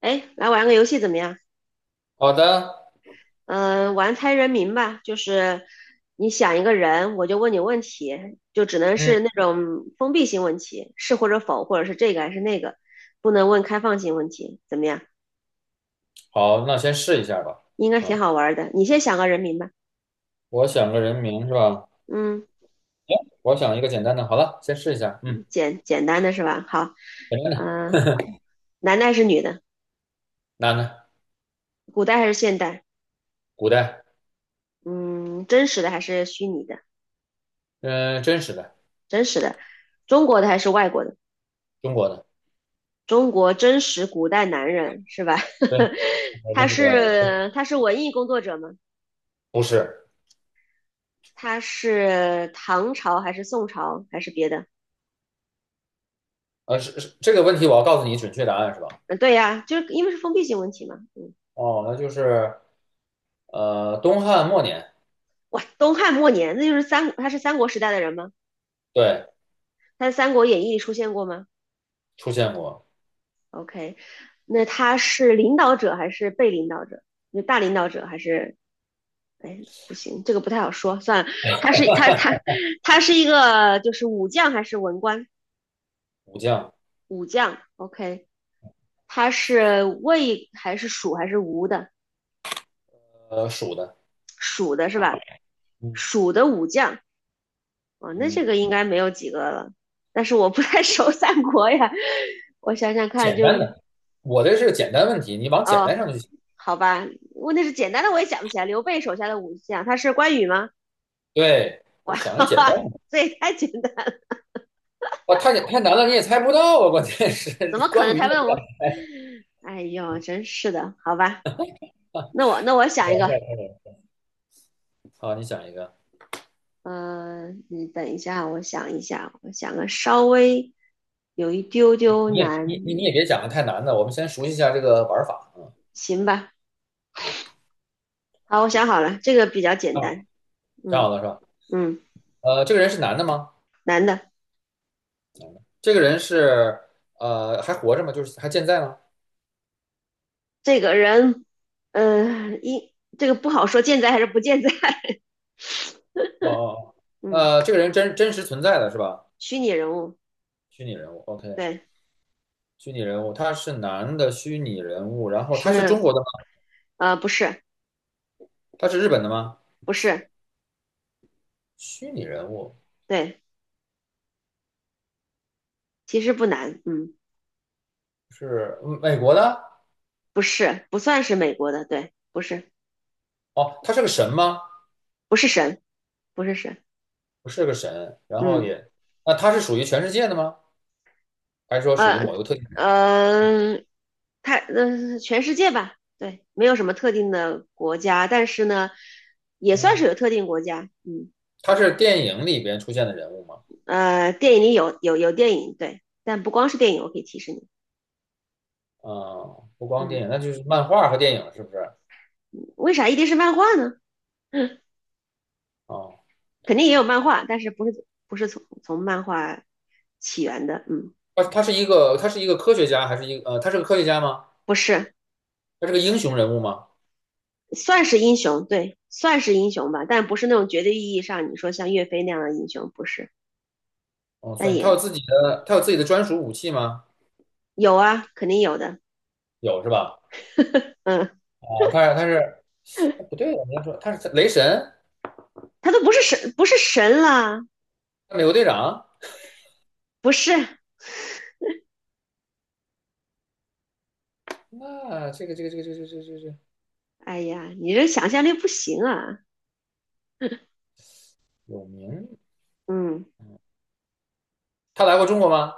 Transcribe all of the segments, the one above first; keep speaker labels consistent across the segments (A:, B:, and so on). A: 哎，来玩个游戏怎么样？
B: 好的，
A: 玩猜人名吧，就是你想一个人，我就问你问题，就只能
B: 嗯，
A: 是那种封闭性问题，是或者否，或者是这个还是那个，不能问开放性问题，怎么样？
B: 好，那先试一下吧。
A: 应该挺
B: 嗯，
A: 好玩的。你先想个人名吧。
B: 我想个人名是吧？
A: 嗯，
B: 我想一个简单的，好了，先试一下。嗯，
A: 简单的是吧？好，
B: 简单的，
A: 嗯、男的还是女的？
B: 男的，
A: 古代还是现代？
B: 古代，
A: 嗯，真实的还是虚拟的？
B: 嗯、真实的，
A: 真实的，中国的还是外国的？
B: 中国的，
A: 中国真实古代男人是吧？
B: 对，真实
A: 他
B: 古代男的，
A: 是他是文艺工作者吗？
B: 不是，
A: 他是唐朝还是宋朝还是别的？
B: 是这个问题，我要告诉你准确答案是吧？
A: 嗯，对呀，就是因为是封闭性问题嘛。嗯，
B: 哦，那就是东汉末年，
A: 哇，东汉末年，那就是他是三国时代的人吗？
B: 对，
A: 他在《三国演义》里出现过吗
B: 出现过
A: ？OK，那他是领导者还是被领导者？那大领导者还是？哎，不行，这个不太好说，算了。他是他他他是一个就是武将还是文官？
B: 武将，
A: 武将，OK。他是魏还是蜀还是吴的？
B: 蜀的，
A: 蜀的是吧？
B: 嗯
A: 蜀的武将啊，哦那这
B: 嗯，
A: 个应该没有几个了。但是我不太 熟三国呀，我想想看
B: 简
A: 就，
B: 单的，我这是个简单问题，你往简单
A: 哦，
B: 上去想。
A: 好吧，问题是简单的我也想不起来。刘备手下的武将，他是关羽吗？
B: 对，我想
A: 哈
B: 个简单
A: 哈，
B: 的。
A: 这也太简单
B: 哇，太简太难了，你也猜不到啊！关键是
A: 怎么 可
B: 关
A: 能？
B: 于
A: 才
B: 那个，
A: 问我，哎呦，真是的，好吧，那我想一个，
B: 好，你想一个，
A: 嗯，你等一下，我想一下，我想个稍微有一丢
B: 你
A: 丢
B: 你也你你你
A: 难
B: 也别讲的太难的，我们先熟悉一下这个玩法
A: 行吧，好，我想好了，这个比较简
B: 啊。啊，
A: 单。
B: 这好
A: 嗯
B: 了是吧？
A: 嗯，
B: 这个人是男的吗？
A: 男的，
B: 这个人是还活着吗？就是还健在吗？
A: 这个人，呃，这个不好说健在还是不健在。
B: 哦哦哦，
A: 嗯，
B: 这个人真实存在的是吧？
A: 虚拟人物，
B: 虚拟人物，OK，
A: 对，
B: 虚拟人物，他是男的虚拟人物，然后他是中
A: 是，
B: 国的吗？
A: 呃，不是，
B: 他是日本的吗？
A: 不是，
B: 虚拟人物
A: 对，其实不难。嗯，
B: 是美国的？
A: 不是，不算是美国的，对，不是，
B: 哦，他是个神吗？
A: 不是神，不是神。
B: 不是个神，然后
A: 嗯，
B: 也，那他是属于全世界的吗？还是说属于
A: 呃
B: 某一个特定的？
A: 呃，他，呃全世界吧，对，没有什么特定的国家，但是呢，也算是
B: 嗯，
A: 有特定国家。嗯。
B: 他是电影里边出现的人物吗？
A: 呃，电影里有电影，对，但不光是电影，我可以提示你，
B: 嗯，不光
A: 嗯，
B: 电影，那就是漫画和电影，是不是？
A: 为啥一定是漫画呢？
B: 哦，
A: 肯定也有漫画，但是不是从漫画起源的，嗯，
B: 他是一个科学家，还是一个他是个科学家吗？
A: 不是，
B: 他是个英雄人物吗？
A: 算是英雄，对，算是英雄吧，但不是那种绝对意义上你说像岳飞那样的英雄，不是，
B: 哦，
A: 但
B: 算，他
A: 也
B: 有自己的他有自己的专属武器吗？
A: 有啊，肯定有的，
B: 有是吧？
A: 嗯，
B: 啊，他是不对我你要说他是雷神，
A: 他都不是神，不是神了，
B: 美国队长，
A: 不是，
B: 那这个
A: 哎呀，你这想象力不行啊，
B: 有名，
A: 嗯，
B: 他来过中国吗？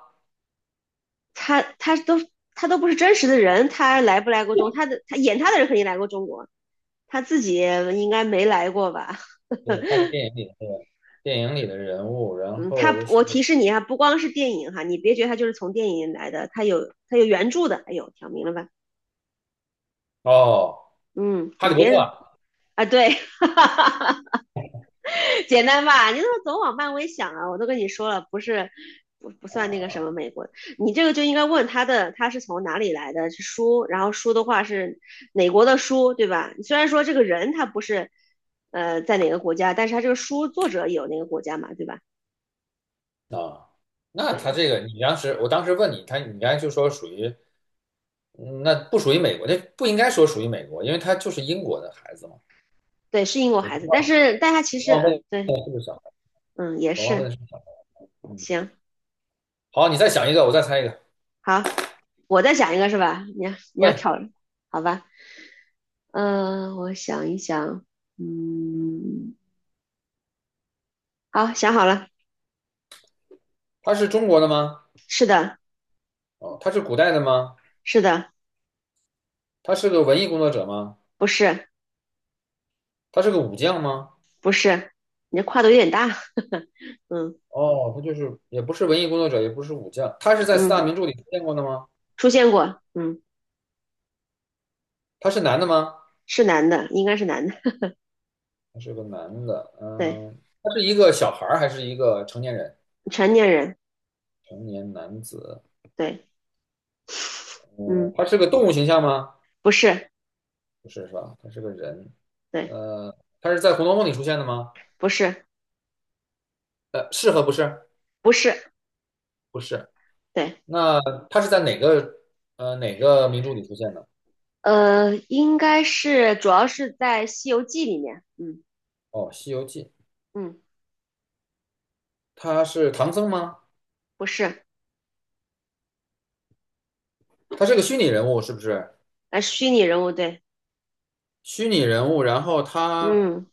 A: 他他都他都不是真实的人，他来不来过中国他的他演他的人肯定来过中国，他自己应该没来过吧？
B: 对，他是电影里的那个电影里的人物，然
A: 嗯，
B: 后
A: 他
B: 又是
A: 我提示你啊，不光是电影哈，你别觉得他就是从电影来的，他有原著的，哎呦，挑明了吧？
B: 哦，
A: 嗯，
B: 哈
A: 你
B: 利波特
A: 别
B: 啊
A: 啊，对，简单吧？你怎么总往漫威想啊？我都跟你说了，不是不不算那个什么
B: 啊
A: 美国的，你这个就应该问他的，他是从哪里来的？是书，然后书的话是哪国的书，对吧？虽然说这个人他不是在哪个国家，但是他这个书作者有那个国家嘛，对吧？
B: 啊！那他
A: 对
B: 这个，你当时我当时问你，你刚才就说属于嗯那不属于美国，那不应该说属于美国，因为他就是英国的孩子嘛。
A: 对，是英国孩子，
B: 我
A: 但是但他其
B: 我
A: 实
B: 忘问了
A: 对
B: 是不是小孩，
A: 嗯也
B: 我忘问了
A: 是
B: 是不是小孩。
A: 行
B: 好，你再想一个，我再猜一个。
A: 好，我再想一个是吧？你要你
B: 喂，
A: 要挑好吧？嗯、我想一想，嗯。好，想好了，
B: 他是中国的吗？
A: 是的，
B: 哦，他是古代的吗？
A: 是的，
B: 他是个文艺工作者吗？
A: 不是，
B: 他是个武将吗？
A: 不是，你这跨度有点大，嗯
B: 哦，他就是也不是文艺工作者，也不是武将，他是在四大
A: 嗯，
B: 名著里出现过的吗？
A: 出现过，嗯，
B: 他是男的吗？
A: 是男的，应该是男的，
B: 他是个男的，
A: 对，
B: 他是一个小孩儿还是一个成年人？
A: 成年人，
B: 成年男子，
A: 对，
B: 嗯，
A: 嗯，
B: 他是个动物形象吗？
A: 不是，
B: 不是，是吧？他是个人，
A: 对，
B: 呃，他是在《红楼梦》里出现的吗？
A: 不是，
B: 是和不是？
A: 不是，
B: 不是。
A: 对，
B: 那他是在哪个名著里出现的？
A: 呃，应该是，主要是在《西游记》里面，嗯
B: 哦，《西游记》。
A: 嗯，
B: 他是唐僧吗？
A: 不是，
B: 他是个虚拟人物，是不是？
A: 呃，虚拟人物，对，
B: 虚拟人物，然后他
A: 嗯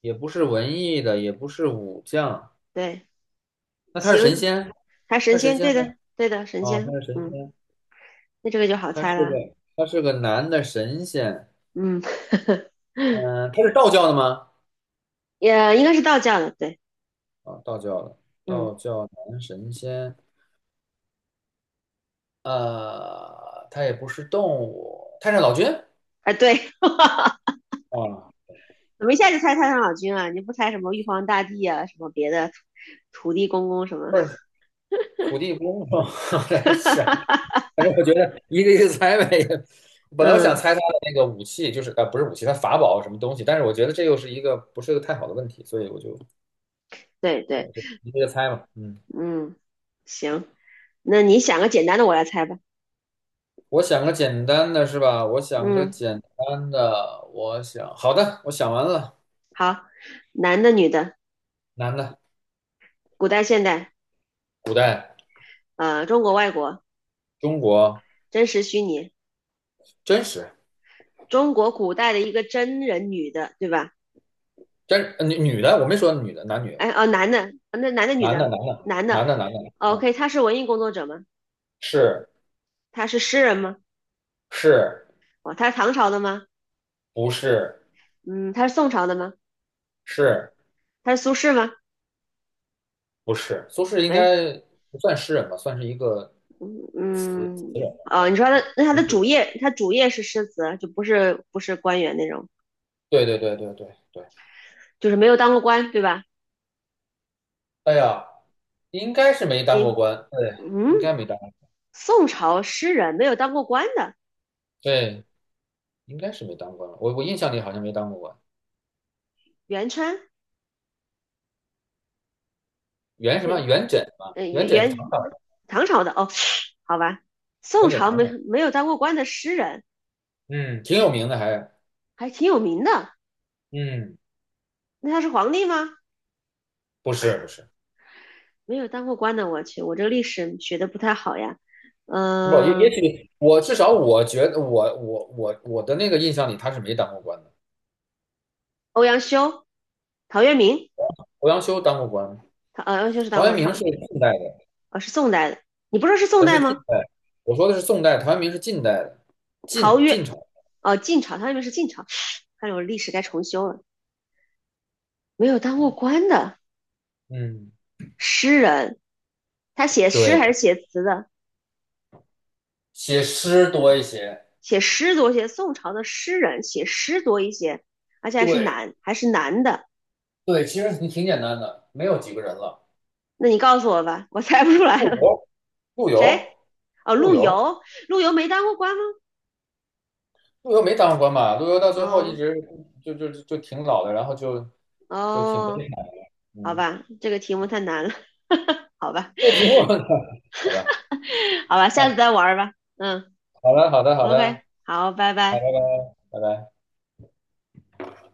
B: 也不是文艺的，也不是武将，
A: 对，
B: 那他
A: 《西
B: 是
A: 游》
B: 神仙？
A: 他
B: 他
A: 神
B: 是神
A: 仙，
B: 仙
A: 对
B: 吗？
A: 的，对的，神
B: 哦，他
A: 仙，
B: 是神
A: 嗯，
B: 仙。
A: 那这个就好
B: 他
A: 猜
B: 是
A: 了，
B: 个他是个男的神仙，
A: 嗯，
B: 嗯、他是道教的吗？
A: 也应该是道教的，对。
B: 啊、道教的，
A: 嗯，
B: 道教男神仙，他也不是动物，太上老君
A: 啊，对，
B: 啊，
A: 怎么一下就猜太上老君啊？你不猜什么玉皇大帝啊，什么别的土地公公什么？
B: 不是土地公吗？我在想，反正我觉得一个一个猜呗。本来我想
A: 嗯，
B: 猜他的那个武器，就是不是武器，他法宝什么东西，但是我觉得这又是一个不是个太好的问题，所以我就
A: 对
B: 我
A: 对，
B: 就一个一个猜吧，嗯。
A: 嗯，行，那你想个简单的，我来猜吧。
B: 我想个简单的是吧？我想个
A: 嗯，
B: 简单的，我想，好的，我想完了。
A: 好，男的、女的，
B: 男的，
A: 古代、现代，呃，中国、外国，
B: 中国
A: 真实、虚拟，
B: 真实
A: 中国古代的一个真人女的，对吧？
B: 真女的，我没说女的，男女
A: 哎，哦，男的，那男的、女
B: 男的
A: 的，
B: 男的
A: 男的
B: 男的男的，嗯，
A: ，OK，他是文艺工作者吗？
B: 是
A: 他是诗人吗？
B: 是
A: 哦，他是唐朝的吗？
B: 不是
A: 嗯，他是宋朝的吗？
B: 是
A: 他是苏轼吗？
B: 不是？苏轼应
A: 哎，
B: 该不算诗人吧，算是一个词
A: 嗯，
B: 词人吧，是
A: 哦，
B: 吧？
A: 你说他
B: 啊，
A: 那他
B: 文
A: 的
B: 学
A: 主
B: 家。
A: 业，他主业是诗词，就不是官员那种，
B: 对对对对对对，
A: 就是没有当过官，对吧？
B: 哎呀，应该是没
A: 你
B: 当过官，对，应该
A: 嗯，
B: 没当，过
A: 宋朝诗人没有当过官的，
B: 对，应该是没当官了。我印象里好像没当过官。
A: 元春，
B: 元什么？
A: 对，
B: 元稹嘛，
A: 呃，
B: 元
A: 元
B: 稹是唐
A: 元
B: 朝
A: 唐朝的哦，好吧，宋
B: 人，元稹
A: 朝
B: 唐朝人，
A: 没有当过官的诗人
B: 嗯，挺有名的还，
A: 还挺有名的，
B: 嗯，
A: 那他是皇帝吗？
B: 不是不是。
A: 没有当过官的，我去，我这个历史学的不太好呀。
B: 不，也也
A: 嗯、
B: 许我至少我觉得我的那个印象里他是没当过官的，
A: 欧阳修、陶渊明，
B: 欧阳修当过官，
A: 欧阳修是当
B: 陶渊
A: 过，
B: 明是近代的，
A: 哦，是宋代的。你不说是宋
B: 是
A: 代
B: 近
A: 吗？
B: 代，我说的是宋代，陶渊明是近代的，
A: 陶
B: 晋
A: 渊，
B: 晋朝，
A: 哦，晋朝，他那边是晋朝。看来我历史该重修了。没有当过官的
B: 嗯，
A: 诗人，他写诗
B: 对，
A: 还是写词的？
B: 写诗多一些，
A: 写诗多一些。宋朝的诗人写诗多一些，而且
B: 对
A: 还是男的。
B: 对，其实你挺简单的，没有几个人了，
A: 那你告诉我吧，我猜不出来
B: 陆
A: 了。
B: 游，陆
A: 谁？
B: 游，
A: 哦，
B: 陆
A: 陆
B: 游，
A: 游，陆游没当过官吗？
B: 陆游没当过官吧？陆游到最后一
A: 哦
B: 直就挺老的，然后就挺悲
A: 哦，
B: 惨的，
A: 好
B: 嗯，
A: 吧，这个题目太难了，好吧，
B: 这个题目 好吧，
A: 好吧，下
B: 啊，
A: 次再玩吧，嗯。
B: 好了，好的，好
A: OK，
B: 的。
A: 好，拜
B: 好
A: 拜。
B: 的好的拜拜。